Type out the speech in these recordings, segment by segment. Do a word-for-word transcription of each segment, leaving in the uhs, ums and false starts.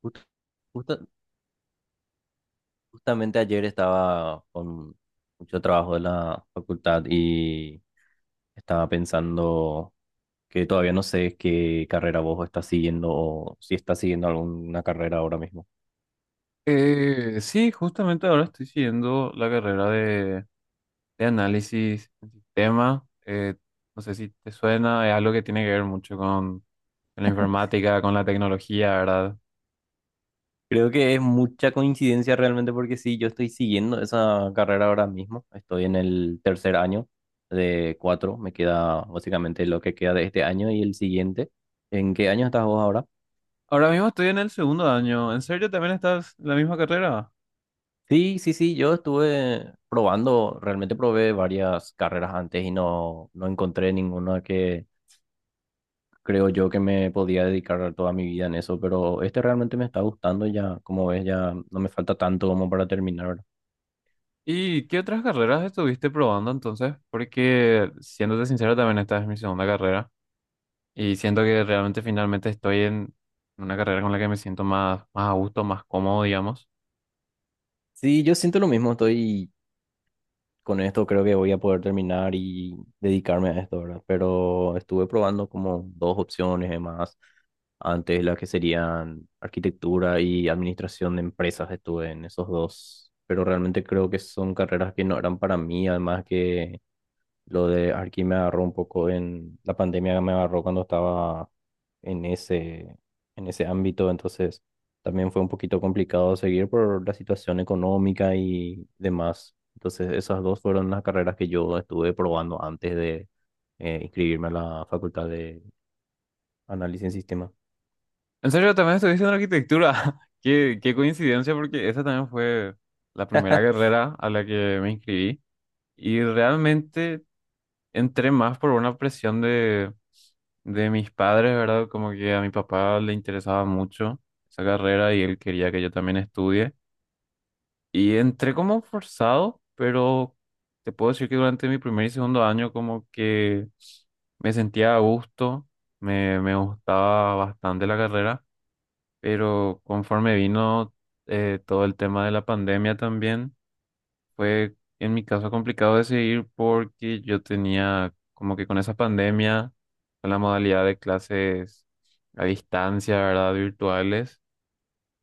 Justo- justa- Justamente ayer estaba con mucho trabajo de la facultad y estaba pensando que todavía no sé qué carrera vos estás siguiendo o si estás siguiendo alguna carrera ahora mismo. Eh, sí, justamente ahora estoy siguiendo la carrera de, de análisis en sistema. Eh, no sé si te suena, es algo que tiene que ver mucho con, con la informática, con la tecnología, ¿verdad? Creo que es mucha coincidencia realmente porque sí, yo estoy siguiendo esa carrera ahora mismo. Estoy en el tercer año de cuatro. Me queda básicamente lo que queda de este año y el siguiente. ¿En qué año estás vos ahora? Ahora mismo estoy en el segundo año. ¿En serio también estás en la misma carrera? Sí, sí, sí, yo estuve probando, realmente probé varias carreras antes y no, no encontré ninguna que creo yo que me podía dedicar toda mi vida en eso, pero este realmente me está gustando ya, como ves, ya no me falta tanto como para terminar. ¿Y qué otras carreras estuviste probando entonces? Porque, siéndote sincero, también esta es mi segunda carrera. Y siento que realmente finalmente estoy en una carrera con la que me siento más, más a gusto, más cómodo, digamos. Sí, yo siento lo mismo, estoy con esto creo que voy a poder terminar y dedicarme a esto, ¿verdad? Pero estuve probando como dos opciones de más. Antes las que serían arquitectura y administración de empresas, estuve en esos dos. Pero realmente creo que son carreras que no eran para mí, además que lo de Arki me agarró un poco en la pandemia, me agarró cuando estaba en ese, en ese ámbito, entonces también fue un poquito complicado seguir por la situación económica y demás. Entonces esas dos fueron las carreras que yo estuve probando antes de eh, inscribirme a la Facultad de Análisis en Sistemas. En serio, también estuviste en arquitectura. Qué, qué coincidencia, porque esa también fue la primera carrera a la que me inscribí. Y realmente entré más por una presión de, de mis padres, ¿verdad? Como que a mi papá le interesaba mucho esa carrera y él quería que yo también estudie. Y entré como forzado, pero te puedo decir que durante mi primer y segundo año como que me sentía a gusto, me, me gustaba bastante la carrera, pero conforme vino eh, todo el tema de la pandemia también, fue en mi caso complicado decidir porque yo tenía como que con esa pandemia, con la modalidad de clases a distancia, ¿verdad? Virtuales,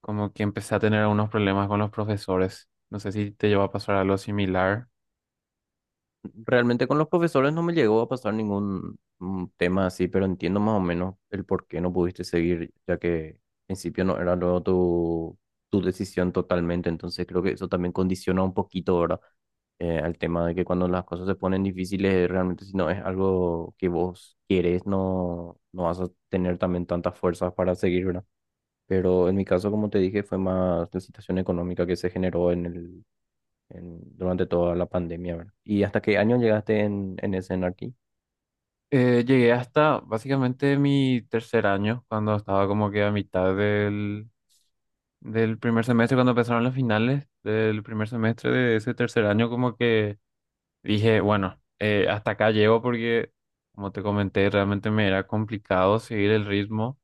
como que empecé a tener algunos problemas con los profesores. No sé si te lleva a pasar algo similar. Realmente con los profesores no me llegó a pasar ningún mm, tema así, pero entiendo más o menos el por qué no pudiste seguir, ya que en principio no era luego tu, tu decisión totalmente, entonces creo que eso también condiciona un poquito, ¿verdad? Eh, al tema de que cuando las cosas se ponen difíciles, realmente si no es algo que vos quieres, no, no vas a tener también tantas fuerzas para seguir, ¿verdad? Pero en mi caso, como te dije, fue más la situación económica que se generó en el, en- durante toda la pandemia, ¿verdad? ¿Y hasta qué año llegaste en, en ese aquí? Eh, llegué hasta básicamente mi tercer año, cuando estaba como que a mitad del primer semestre, cuando empezaron las finales del primer semestre de ese tercer año, como que dije, bueno, eh, hasta acá llego porque, como te comenté, realmente me era complicado seguir el ritmo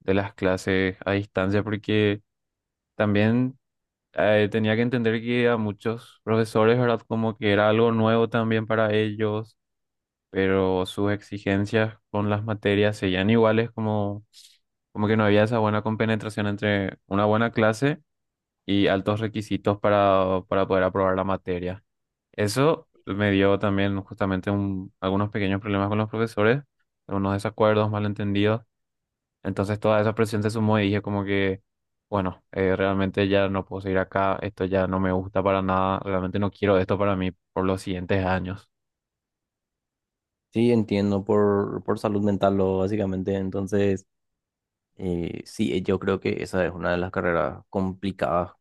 de las clases a distancia porque también eh, tenía que entender que a muchos profesores, ¿verdad? Como que era algo nuevo también para ellos, pero sus exigencias con las materias seguían iguales, como como que no había esa buena compenetración entre una buena clase y altos requisitos para, para poder aprobar la materia. Eso me dio también justamente un- algunos pequeños problemas con los profesores, algunos desacuerdos, malentendidos. Entonces toda esa presión se sumó y dije como que, bueno, eh, realmente ya no puedo seguir acá, esto ya no me gusta para nada, realmente no quiero esto para mí por los siguientes años. Sí, entiendo, por, por salud mental, lo, básicamente. Entonces, eh, sí, eh, yo creo que esa es una de las carreras complicadas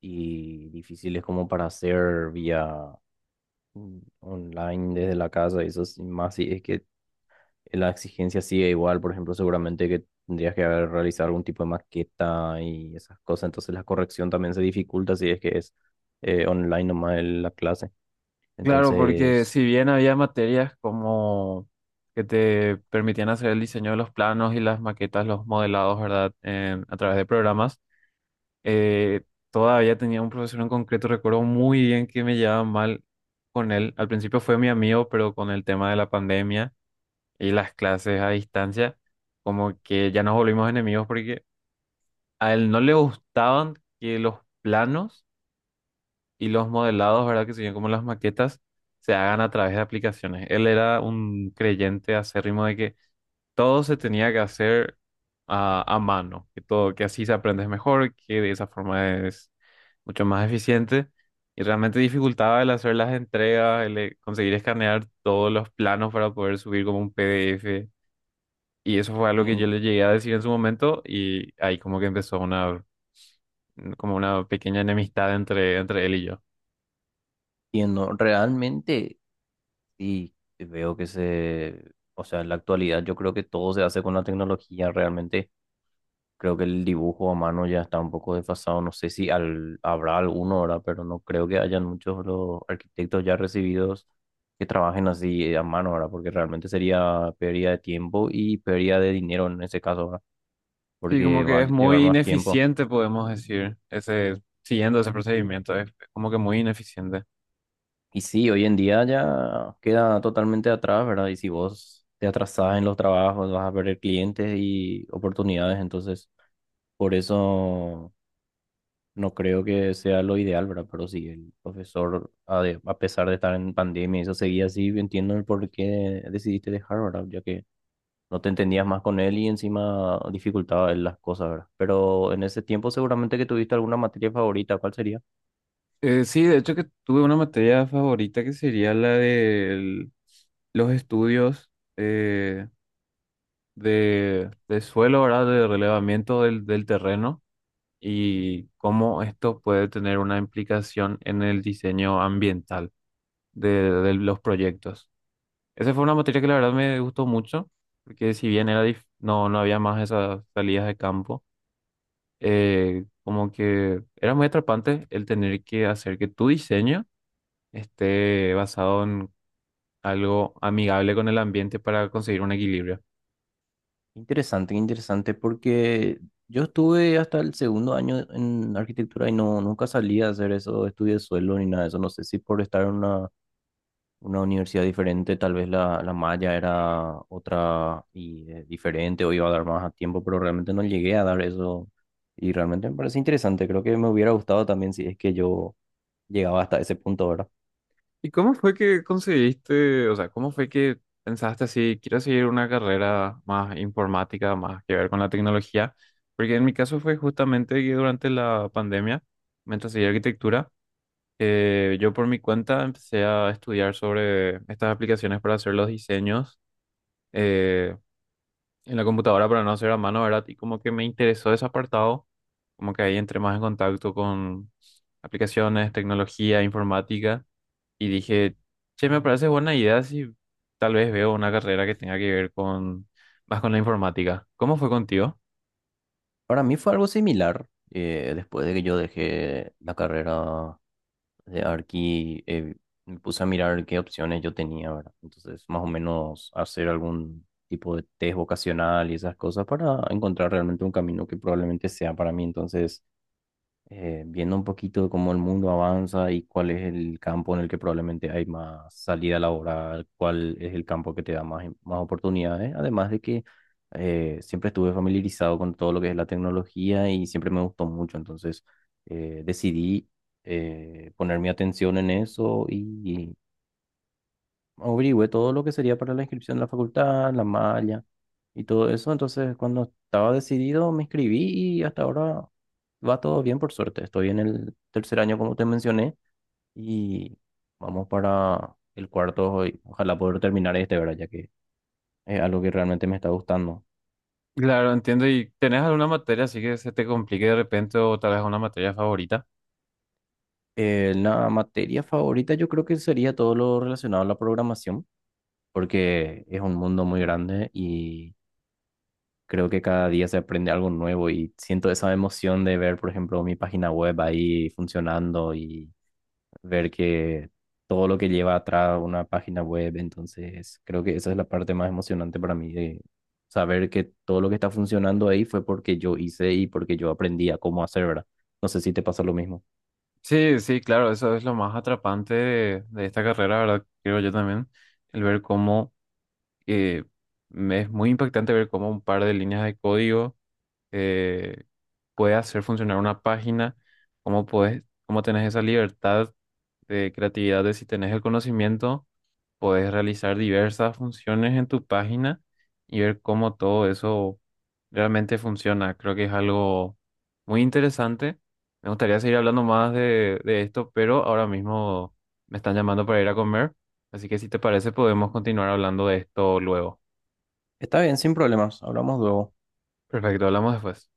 y difíciles como para hacer vía mm, online desde la casa. Y eso es más si es que la exigencia sigue igual. Por ejemplo, seguramente que tendrías que haber realizado algún tipo de maqueta y esas cosas. Entonces, la corrección también se dificulta si es que es eh, online nomás el- la clase. Claro, porque Entonces, si bien había materias como que te permitían hacer el diseño de los planos y las maquetas, los modelados, ¿verdad? En- a través de programas. eh, Todavía tenía un profesor en concreto, recuerdo muy bien que me llevaba mal con él. Al principio fue mi amigo, pero con el tema de la pandemia y las clases a distancia, como que ya nos volvimos enemigos porque a él no le gustaban que los planos y los modelados, ¿verdad? Que se serían como las maquetas, se hagan a través de aplicaciones. Él era un creyente acérrimo de que todo se tenía que hacer a, a mano, que todo, que así se aprende mejor, que de esa forma es mucho más eficiente. Y realmente dificultaba el hacer las entregas, el eh, conseguir escanear todos los planos para poder subir como un P D F. Y eso fue algo que yo le llegué a decir en su momento y ahí como que empezó una, mm, como una pequeña enemistad entre, entre él y yo. entiendo, realmente sí veo que se, o sea, en la actualidad yo creo que todo se hace con la tecnología, realmente creo que el dibujo a mano ya está un poco desfasado, no sé si al- habrá alguno ahora, pero no creo que hayan muchos los arquitectos ya recibidos que trabajen así eh, a mano ahora, porque realmente sería pérdida de tiempo y pérdida de dinero en ese caso ahora, Sí, como porque va que a es llevar muy más tiempo. ineficiente, podemos decir, ese, siguiendo ese procedimiento, es como que muy ineficiente. Y sí, hoy en día ya queda totalmente atrás, ¿verdad? Y si vos te atrasás en los trabajos, vas a perder clientes y oportunidades. Entonces, por eso no creo que sea lo ideal, ¿verdad? Pero sí, el profesor, a, de- a pesar de estar en pandemia, y eso seguía así. Entiendo el por qué decidiste dejar, ¿verdad? Ya que no te entendías más con él y encima dificultaba él las cosas, ¿verdad? Pero en ese tiempo seguramente que tuviste alguna materia favorita, ¿cuál sería? Eh, sí, de hecho que tuve una materia favorita que sería la de los estudios eh, de, de suelo, ¿verdad? De relevamiento del, del terreno y cómo esto puede tener una implicación en el diseño ambiental de, de los proyectos. Esa fue una materia que la verdad me gustó mucho, porque si bien era dif- no, no había más esas salidas de campo, eh, como que era muy atrapante el tener que hacer que tu diseño esté basado en algo amigable con el ambiente para conseguir un equilibrio. Interesante, interesante, porque yo estuve hasta el segundo año en arquitectura y no, nunca salí a hacer eso, estudios de suelo ni nada de eso. No sé si por estar en una, una universidad diferente, tal vez la, la malla era otra y eh, diferente o iba a dar más a tiempo, pero realmente no llegué a dar eso. Y realmente me parece interesante, creo que me hubiera gustado también si es que yo llegaba hasta ese punto ahora. ¿Y cómo fue que conseguiste, o sea, cómo fue que pensaste así, quiero seguir una carrera más informática, más que ver con la tecnología? Porque en mi caso fue justamente que durante la pandemia, mientras seguía arquitectura, eh, yo por mi cuenta empecé a estudiar sobre estas aplicaciones para hacer los diseños. Eh, en la computadora para no hacer a mano, ¿verdad? Y como que me interesó ese apartado, como que ahí entré más en contacto con aplicaciones, tecnología, informática, y dije, che, me parece buena idea si tal vez veo una carrera que tenga que ver con más con la informática. ¿Cómo fue contigo? Para mí fue algo similar, eh, después de que yo dejé la carrera de Arki, eh, me puse a mirar qué opciones yo tenía, ¿verdad? Entonces, más o menos hacer algún tipo de test vocacional y esas cosas para encontrar realmente un camino que probablemente sea para mí. Entonces, eh, viendo un poquito cómo el mundo avanza y cuál es el campo en el que probablemente hay más salida laboral, cuál es el campo que te da más, más oportunidades, además de que eh, siempre estuve familiarizado con todo lo que es la tecnología y siempre me gustó mucho, entonces eh, decidí eh, poner mi atención en eso y averigüé todo lo que sería para la inscripción de la facultad, la malla y todo eso. Entonces, cuando estaba decidido, me inscribí y hasta ahora va todo bien, por suerte. Estoy en el tercer año, como te mencioné, y vamos para el cuarto. Y ojalá poder terminar este, ¿verdad? Ya que es algo que realmente me está gustando. Claro, entiendo. ¿Y tenés alguna materia así que se te complique de repente o tal vez una materia favorita? Eh, la materia favorita yo creo que sería todo lo relacionado a la programación, porque es un mundo muy grande y creo que cada día se aprende algo nuevo y siento esa emoción de ver, por ejemplo, mi página web ahí funcionando y ver que todo lo que lleva atrás una página web, entonces creo que esa es la parte más emocionante para mí de saber que todo lo que está funcionando ahí fue porque yo hice y porque yo aprendí a cómo hacer, ¿verdad? No sé si te pasa lo mismo. Sí, sí, claro, eso es lo más atrapante de, de esta carrera, ¿verdad? Creo yo también, el ver cómo eh, me- es muy impactante ver cómo un par de líneas de código eh, puede hacer funcionar una página, cómo puedes, cómo tenés esa libertad de creatividad de si tenés el conocimiento, puedes realizar diversas funciones en tu página y ver cómo todo eso realmente funciona. Creo que es algo muy interesante. Me gustaría seguir hablando más de, de esto, pero ahora mismo me están llamando para ir a comer, así que si te parece podemos continuar hablando de esto luego. Está bien, sin problemas, hablamos luego. Perfecto, hablamos después.